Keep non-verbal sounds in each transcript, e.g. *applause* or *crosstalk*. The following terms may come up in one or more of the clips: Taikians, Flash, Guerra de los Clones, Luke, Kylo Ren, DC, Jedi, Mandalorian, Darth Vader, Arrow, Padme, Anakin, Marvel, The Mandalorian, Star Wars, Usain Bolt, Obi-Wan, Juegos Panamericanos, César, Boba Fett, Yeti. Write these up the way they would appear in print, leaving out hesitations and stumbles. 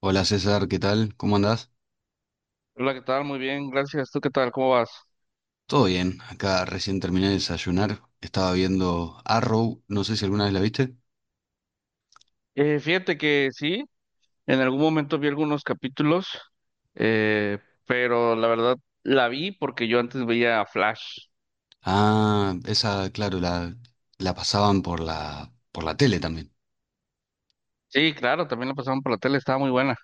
Hola César, ¿qué tal? ¿Cómo andás? Hola, ¿qué tal? Muy bien, gracias. ¿Tú qué tal? ¿Cómo vas? Todo bien, acá recién terminé de desayunar, estaba viendo Arrow, no sé si alguna vez la viste. Fíjate que sí, en algún momento vi algunos capítulos, eh, pero la verdad la vi porque yo antes veía Flash. Ah, esa, claro, la pasaban por la tele también. Sí, claro, también la pasaban por la tele, estaba muy buena.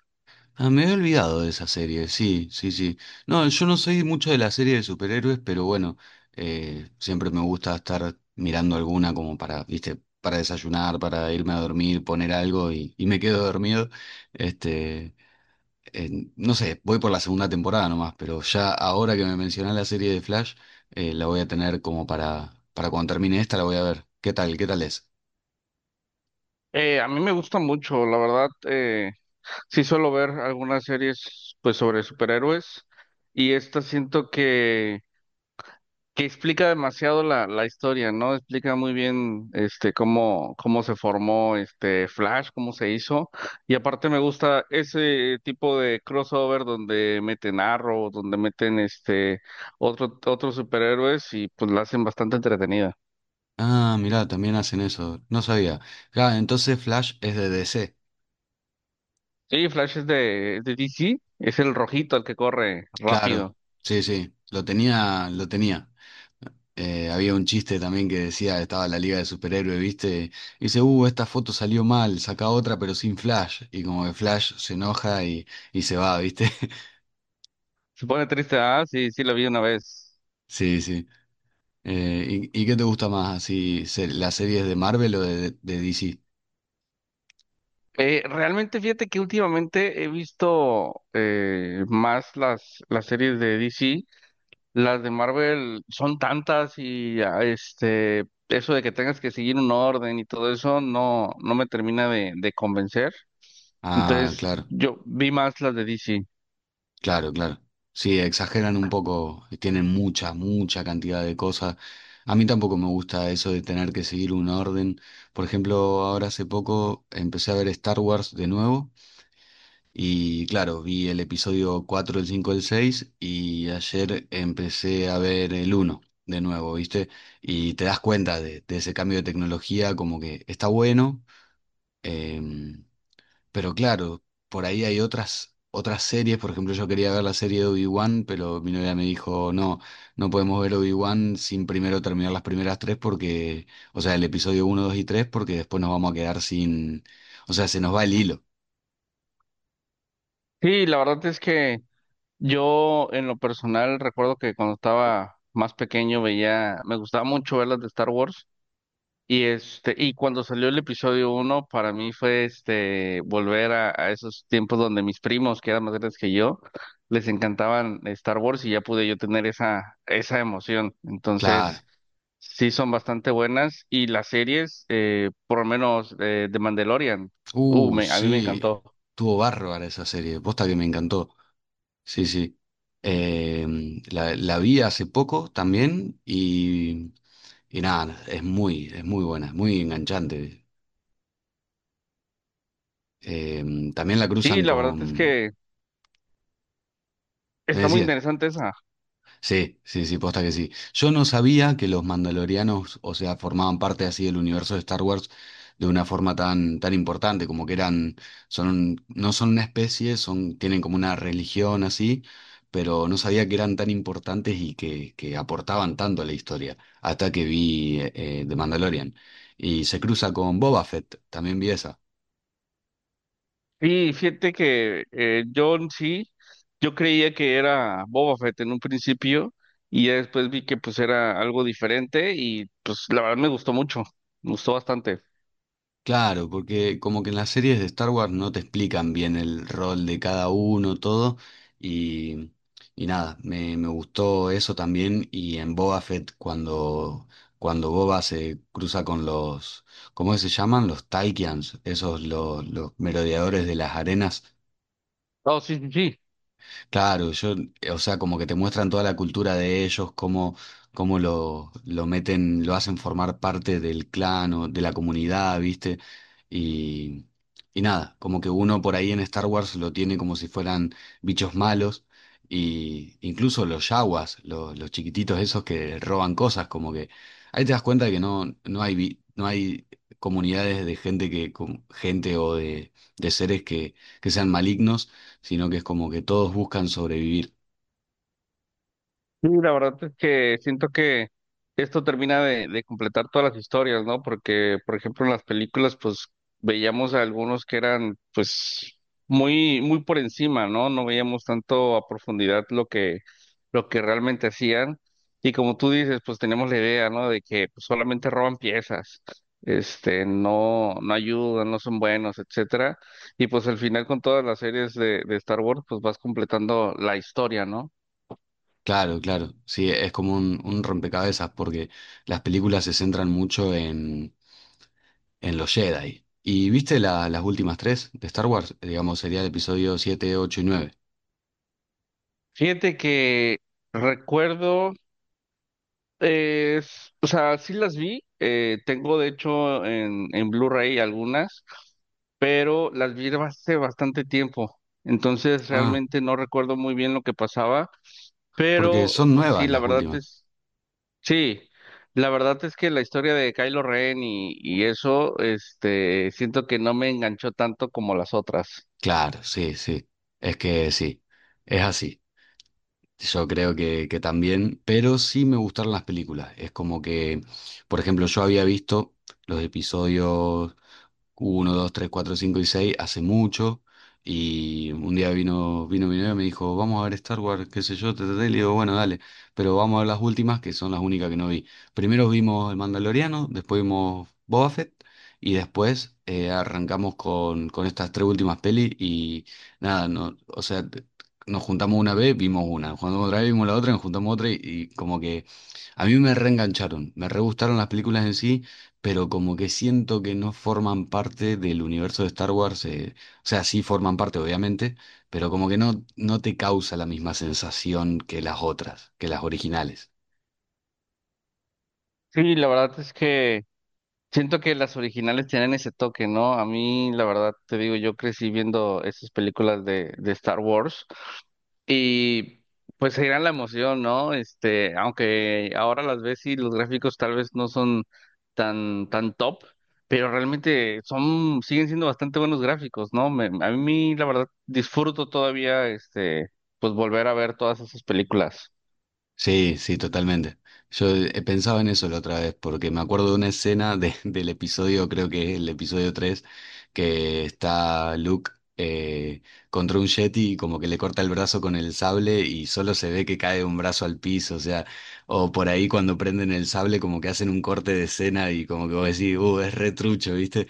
Ah, me había olvidado de esa serie, sí, sí, sí. No, yo no soy mucho de la serie de superhéroes, pero bueno, siempre me gusta estar mirando alguna como para, viste, para desayunar, para irme a dormir, poner algo y me quedo dormido. Este, no sé, voy por la segunda temporada nomás, pero ya ahora que me mencionás la serie de Flash, la voy a tener como para cuando termine esta, la voy a ver. ¿Qué tal? ¿Qué tal es? A mí me gusta mucho, la verdad, sí suelo ver algunas series pues sobre superhéroes y esta siento que explica demasiado la historia, ¿no? Explica muy bien este cómo, cómo se formó este Flash, cómo se hizo. Y aparte me gusta ese tipo de crossover donde meten Arrow, donde meten este otros superhéroes y pues la hacen bastante entretenida. Ah, mirá, también hacen eso. No sabía. Claro, entonces Flash es de DC. Sí, Flash es de DC, es el rojito el que corre Claro, rápido. sí, sí, lo tenía, lo tenía. Había un chiste también que decía, estaba la Liga de Superhéroes, ¿viste? Y dice, esta foto salió mal, saca otra pero sin Flash. Y como que Flash se enoja y se va, ¿viste? *laughs* Se pone triste, ah, sí, sí lo vi una vez. Sí, sí. ¿Y qué te gusta más, así, las series de Marvel o de DC? Realmente fíjate que últimamente he visto más las series de DC. Las de Marvel son tantas y este, eso de que tengas que seguir un orden y todo eso no, no me termina de convencer. Ah, Entonces, claro, yo vi más las de DC. claro, claro. Sí, exageran un poco, tienen mucha, mucha cantidad de cosas. A mí tampoco me gusta eso de tener que seguir un orden. Por ejemplo, ahora hace poco empecé a ver Star Wars de nuevo y claro, vi el episodio 4 el 5 el 6 y ayer empecé a ver el uno de nuevo, ¿viste? Y te das cuenta de ese cambio de tecnología, como que está bueno. Em, pero claro, por ahí hay otras series. Por ejemplo, yo quería ver la serie de Obi-Wan, pero mi novia me dijo, no, no podemos ver Obi-Wan sin primero terminar las primeras tres porque, o sea, el episodio uno 2 y 3 porque después nos vamos a quedar sin, o sea, se nos va el hilo. Sí, la verdad es que yo en lo personal recuerdo que cuando estaba más pequeño veía, me gustaba mucho ver las de Star Wars. Y cuando salió el episodio uno, para mí fue este volver a esos tiempos donde mis primos, que eran más grandes que yo, les encantaban Star Wars y ya pude yo tener esa emoción. Claro. Entonces, sí son bastante buenas. Y las series, por lo menos de Mandalorian, a mí me Sí. encantó. Tuvo bárbara esa serie. Posta que me encantó. Sí, sí. La vi hace poco también y nada, es muy buena, es muy enganchante. También la Sí, cruzan la verdad es con... que ¿Me está muy decías? interesante esa. Sí, sí, sí, posta que sí. Yo no sabía que los mandalorianos, o sea, formaban parte así del universo de Star Wars de una forma tan, tan importante, como que eran, son, no son una especie, son, tienen como una religión así, pero no sabía que eran tan importantes y que aportaban tanto a la historia, hasta que vi The Mandalorian. Y se cruza con Boba Fett, también vi esa. Y fíjate que John sí, yo creía que era Boba Fett en un principio y ya después vi que pues era algo diferente y pues la verdad me gustó mucho, me gustó bastante. Claro, porque como que en las series de Star Wars no te explican bien el rol de cada uno, todo, y, y nada, me gustó eso también, y en Boba Fett cuando, cuando Boba se cruza con los, ¿cómo se llaman? Los Taikians, esos los merodeadores de las arenas. Oh, sí, sí, sí. Claro, yo, o sea, como que te muestran toda la cultura de ellos, cómo lo meten, lo hacen formar parte del clan o de la comunidad, ¿viste? Y, y nada, como que uno por ahí en Star Wars lo tiene como si fueran bichos malos, y incluso los yaguas, los chiquititos esos que roban cosas, como que ahí te das cuenta que no, no hay, no hay comunidades de gente que, gente o de seres que sean malignos, sino que es como que todos buscan sobrevivir. Sí, la verdad es que siento que esto termina de completar todas las historias, ¿no? Porque, por ejemplo, en las películas, pues veíamos a algunos que eran, pues, muy, muy por encima, ¿no? No veíamos tanto a profundidad lo que realmente hacían. Y como tú dices, pues tenemos la idea, ¿no? De que pues, solamente roban piezas, este, no, no ayudan, no son buenos, etcétera. Y pues al final con todas las series de Star Wars, pues vas completando la historia, ¿no? Claro, claro, sí, es como un rompecabezas porque las películas se centran mucho en los Jedi. ¿Y viste las últimas tres de Star Wars? Digamos, sería el episodio 7 8 y nueve. Fíjate que recuerdo, o sea, sí las vi, tengo de hecho en Blu-ray algunas, pero las vi hace bastante tiempo, entonces Ah, realmente no recuerdo muy bien lo que pasaba, porque pero son pues sí, nuevas la las verdad últimas. es, sí, la verdad es que la historia de Kylo Ren y eso, este, siento que no me enganchó tanto como las otras. Claro, sí, sí, es que sí, es así. Yo creo que también, pero sí me gustaron las películas. Es como que, por ejemplo, yo había visto los episodios uno 2 3 4 5 y 6 hace mucho. Y un día vino mi novia y me dijo, vamos a ver Star Wars, qué sé yo, te y le digo, bueno, dale, pero vamos a ver las últimas, que son las únicas que no vi. Primero vimos El Mandaloriano, después vimos Boba Fett, y después arrancamos con estas tres últimas pelis. Y nada, no, o sea, nos juntamos una vez, vimos una, jugando otra vez, vimos la otra, nos juntamos otra y como que a mí me reengancharon, me re gustaron las películas en sí, pero como que siento que no forman parte del universo de Star Wars, o sea, sí forman parte obviamente, pero como que no te causa la misma sensación que las otras, que las originales. Sí, la verdad es que... Siento que las originales tienen ese toque, ¿no? A mí, la verdad, te digo, yo crecí viendo esas películas de Star Wars y pues era la emoción, ¿no? Este, aunque ahora las ves y los gráficos tal vez no son tan, tan top, pero realmente son, siguen siendo bastante buenos gráficos, ¿no? A mí, la verdad, disfruto todavía, este, pues volver a ver todas esas películas. Sí, sí, totalmente. Yo he pensado en eso la otra vez, porque me acuerdo de una escena de- *laughs* del episodio, creo que es el episodio 3, que está Luke eh, contra un Yeti y como que le corta el brazo con el sable y solo se ve que cae un brazo al piso, o sea, o por ahí cuando prenden el sable como que hacen un corte de escena y como que vos decís, es retrucho, ¿viste?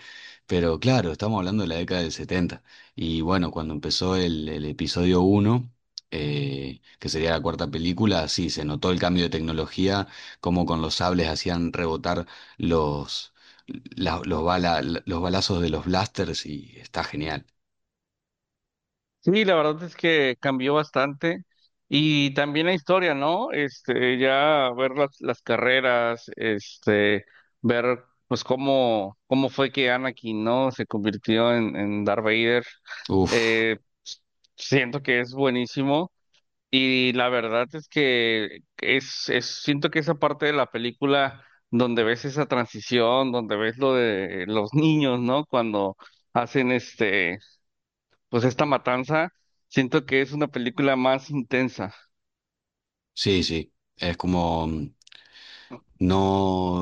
Pero claro, estamos hablando de la década del 70 y bueno, cuando empezó el episodio uno que sería la cuarta película, sí, se notó el cambio de tecnología, como con los sables hacían rebotar los, los balazos de los blasters y está genial. Sí, la verdad es que cambió bastante y también la historia, ¿no? Este, ya ver las carreras, este, ver pues cómo, cómo fue que Anakin, ¿no? Se convirtió en Darth Vader. Uf, Eh, Siento que es buenísimo y la verdad es que es, siento que esa parte de la película donde ves esa transición, donde ves lo de los niños, ¿no? Cuando hacen este pues esta matanza, siento que es una película más intensa. sí, sí, es como... no,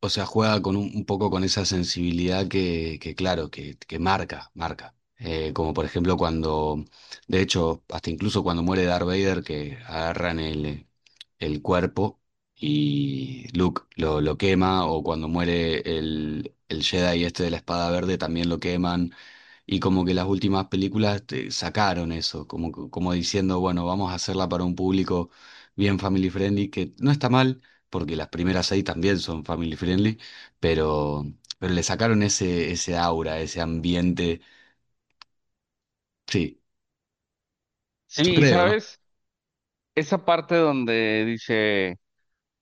o sea, juega con un poco con esa sensibilidad que claro, que marca, marca. Como por ejemplo cuando, de hecho, hasta incluso cuando muere Darth Vader, que agarran el cuerpo y Luke lo quema, o cuando muere el Jedi este de la espada verde, también lo queman. Y como que las últimas películas te sacaron eso, como, como diciendo, bueno, vamos a hacerla para un público bien family friendly, que no está mal, porque las primeras seis también son family friendly, pero, pero le sacaron ese, ese aura, ese ambiente. Sí, Sí, yo y creo, ¿no? sabes, esa parte donde dice,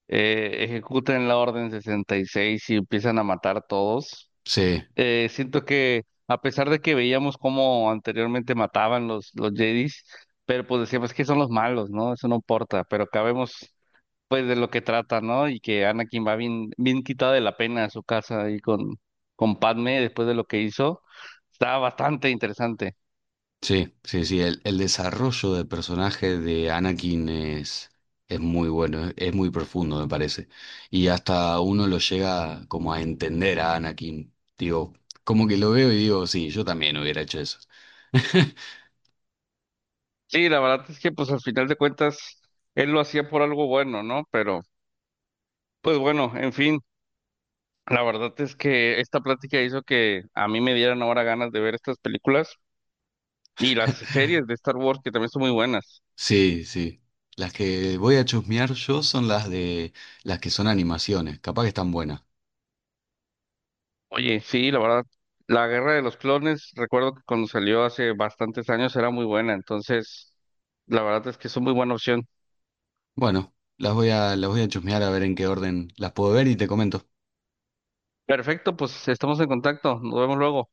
ejecuten la orden 66 y empiezan a matar todos, Sí. Siento que a pesar de que veíamos cómo anteriormente mataban los Jedis, pero pues decíamos que son los malos, ¿no? Eso no importa, pero acá vemos pues de lo que trata, ¿no? Y que Anakin va bien, bien quitado de la pena a su casa ahí con Padme después de lo que hizo. Está bastante interesante. Sí, sí, sí, el desarrollo del personaje de Anakin es muy bueno, es muy profundo, me parece. Y hasta uno lo llega como a entender a Anakin. Digo, como que lo veo y digo, sí, yo también hubiera hecho eso. *laughs* Sí, la verdad es que pues al final de cuentas él lo hacía por algo bueno, ¿no? Pero pues bueno, en fin, la verdad es que esta plática hizo que a mí me dieran ahora ganas de ver estas películas y las series de Star Wars que también son muy buenas. Sí, sí. Las que voy a chusmear yo son las de las que son animaciones, capaz que están buenas. Oye, sí, la verdad, la Guerra de los Clones, recuerdo que cuando salió hace bastantes años era muy buena, entonces la verdad es que es una muy buena opción. Bueno, las voy a chusmear a ver en qué orden las puedo ver y te comento. Perfecto, pues estamos en contacto, nos vemos luego.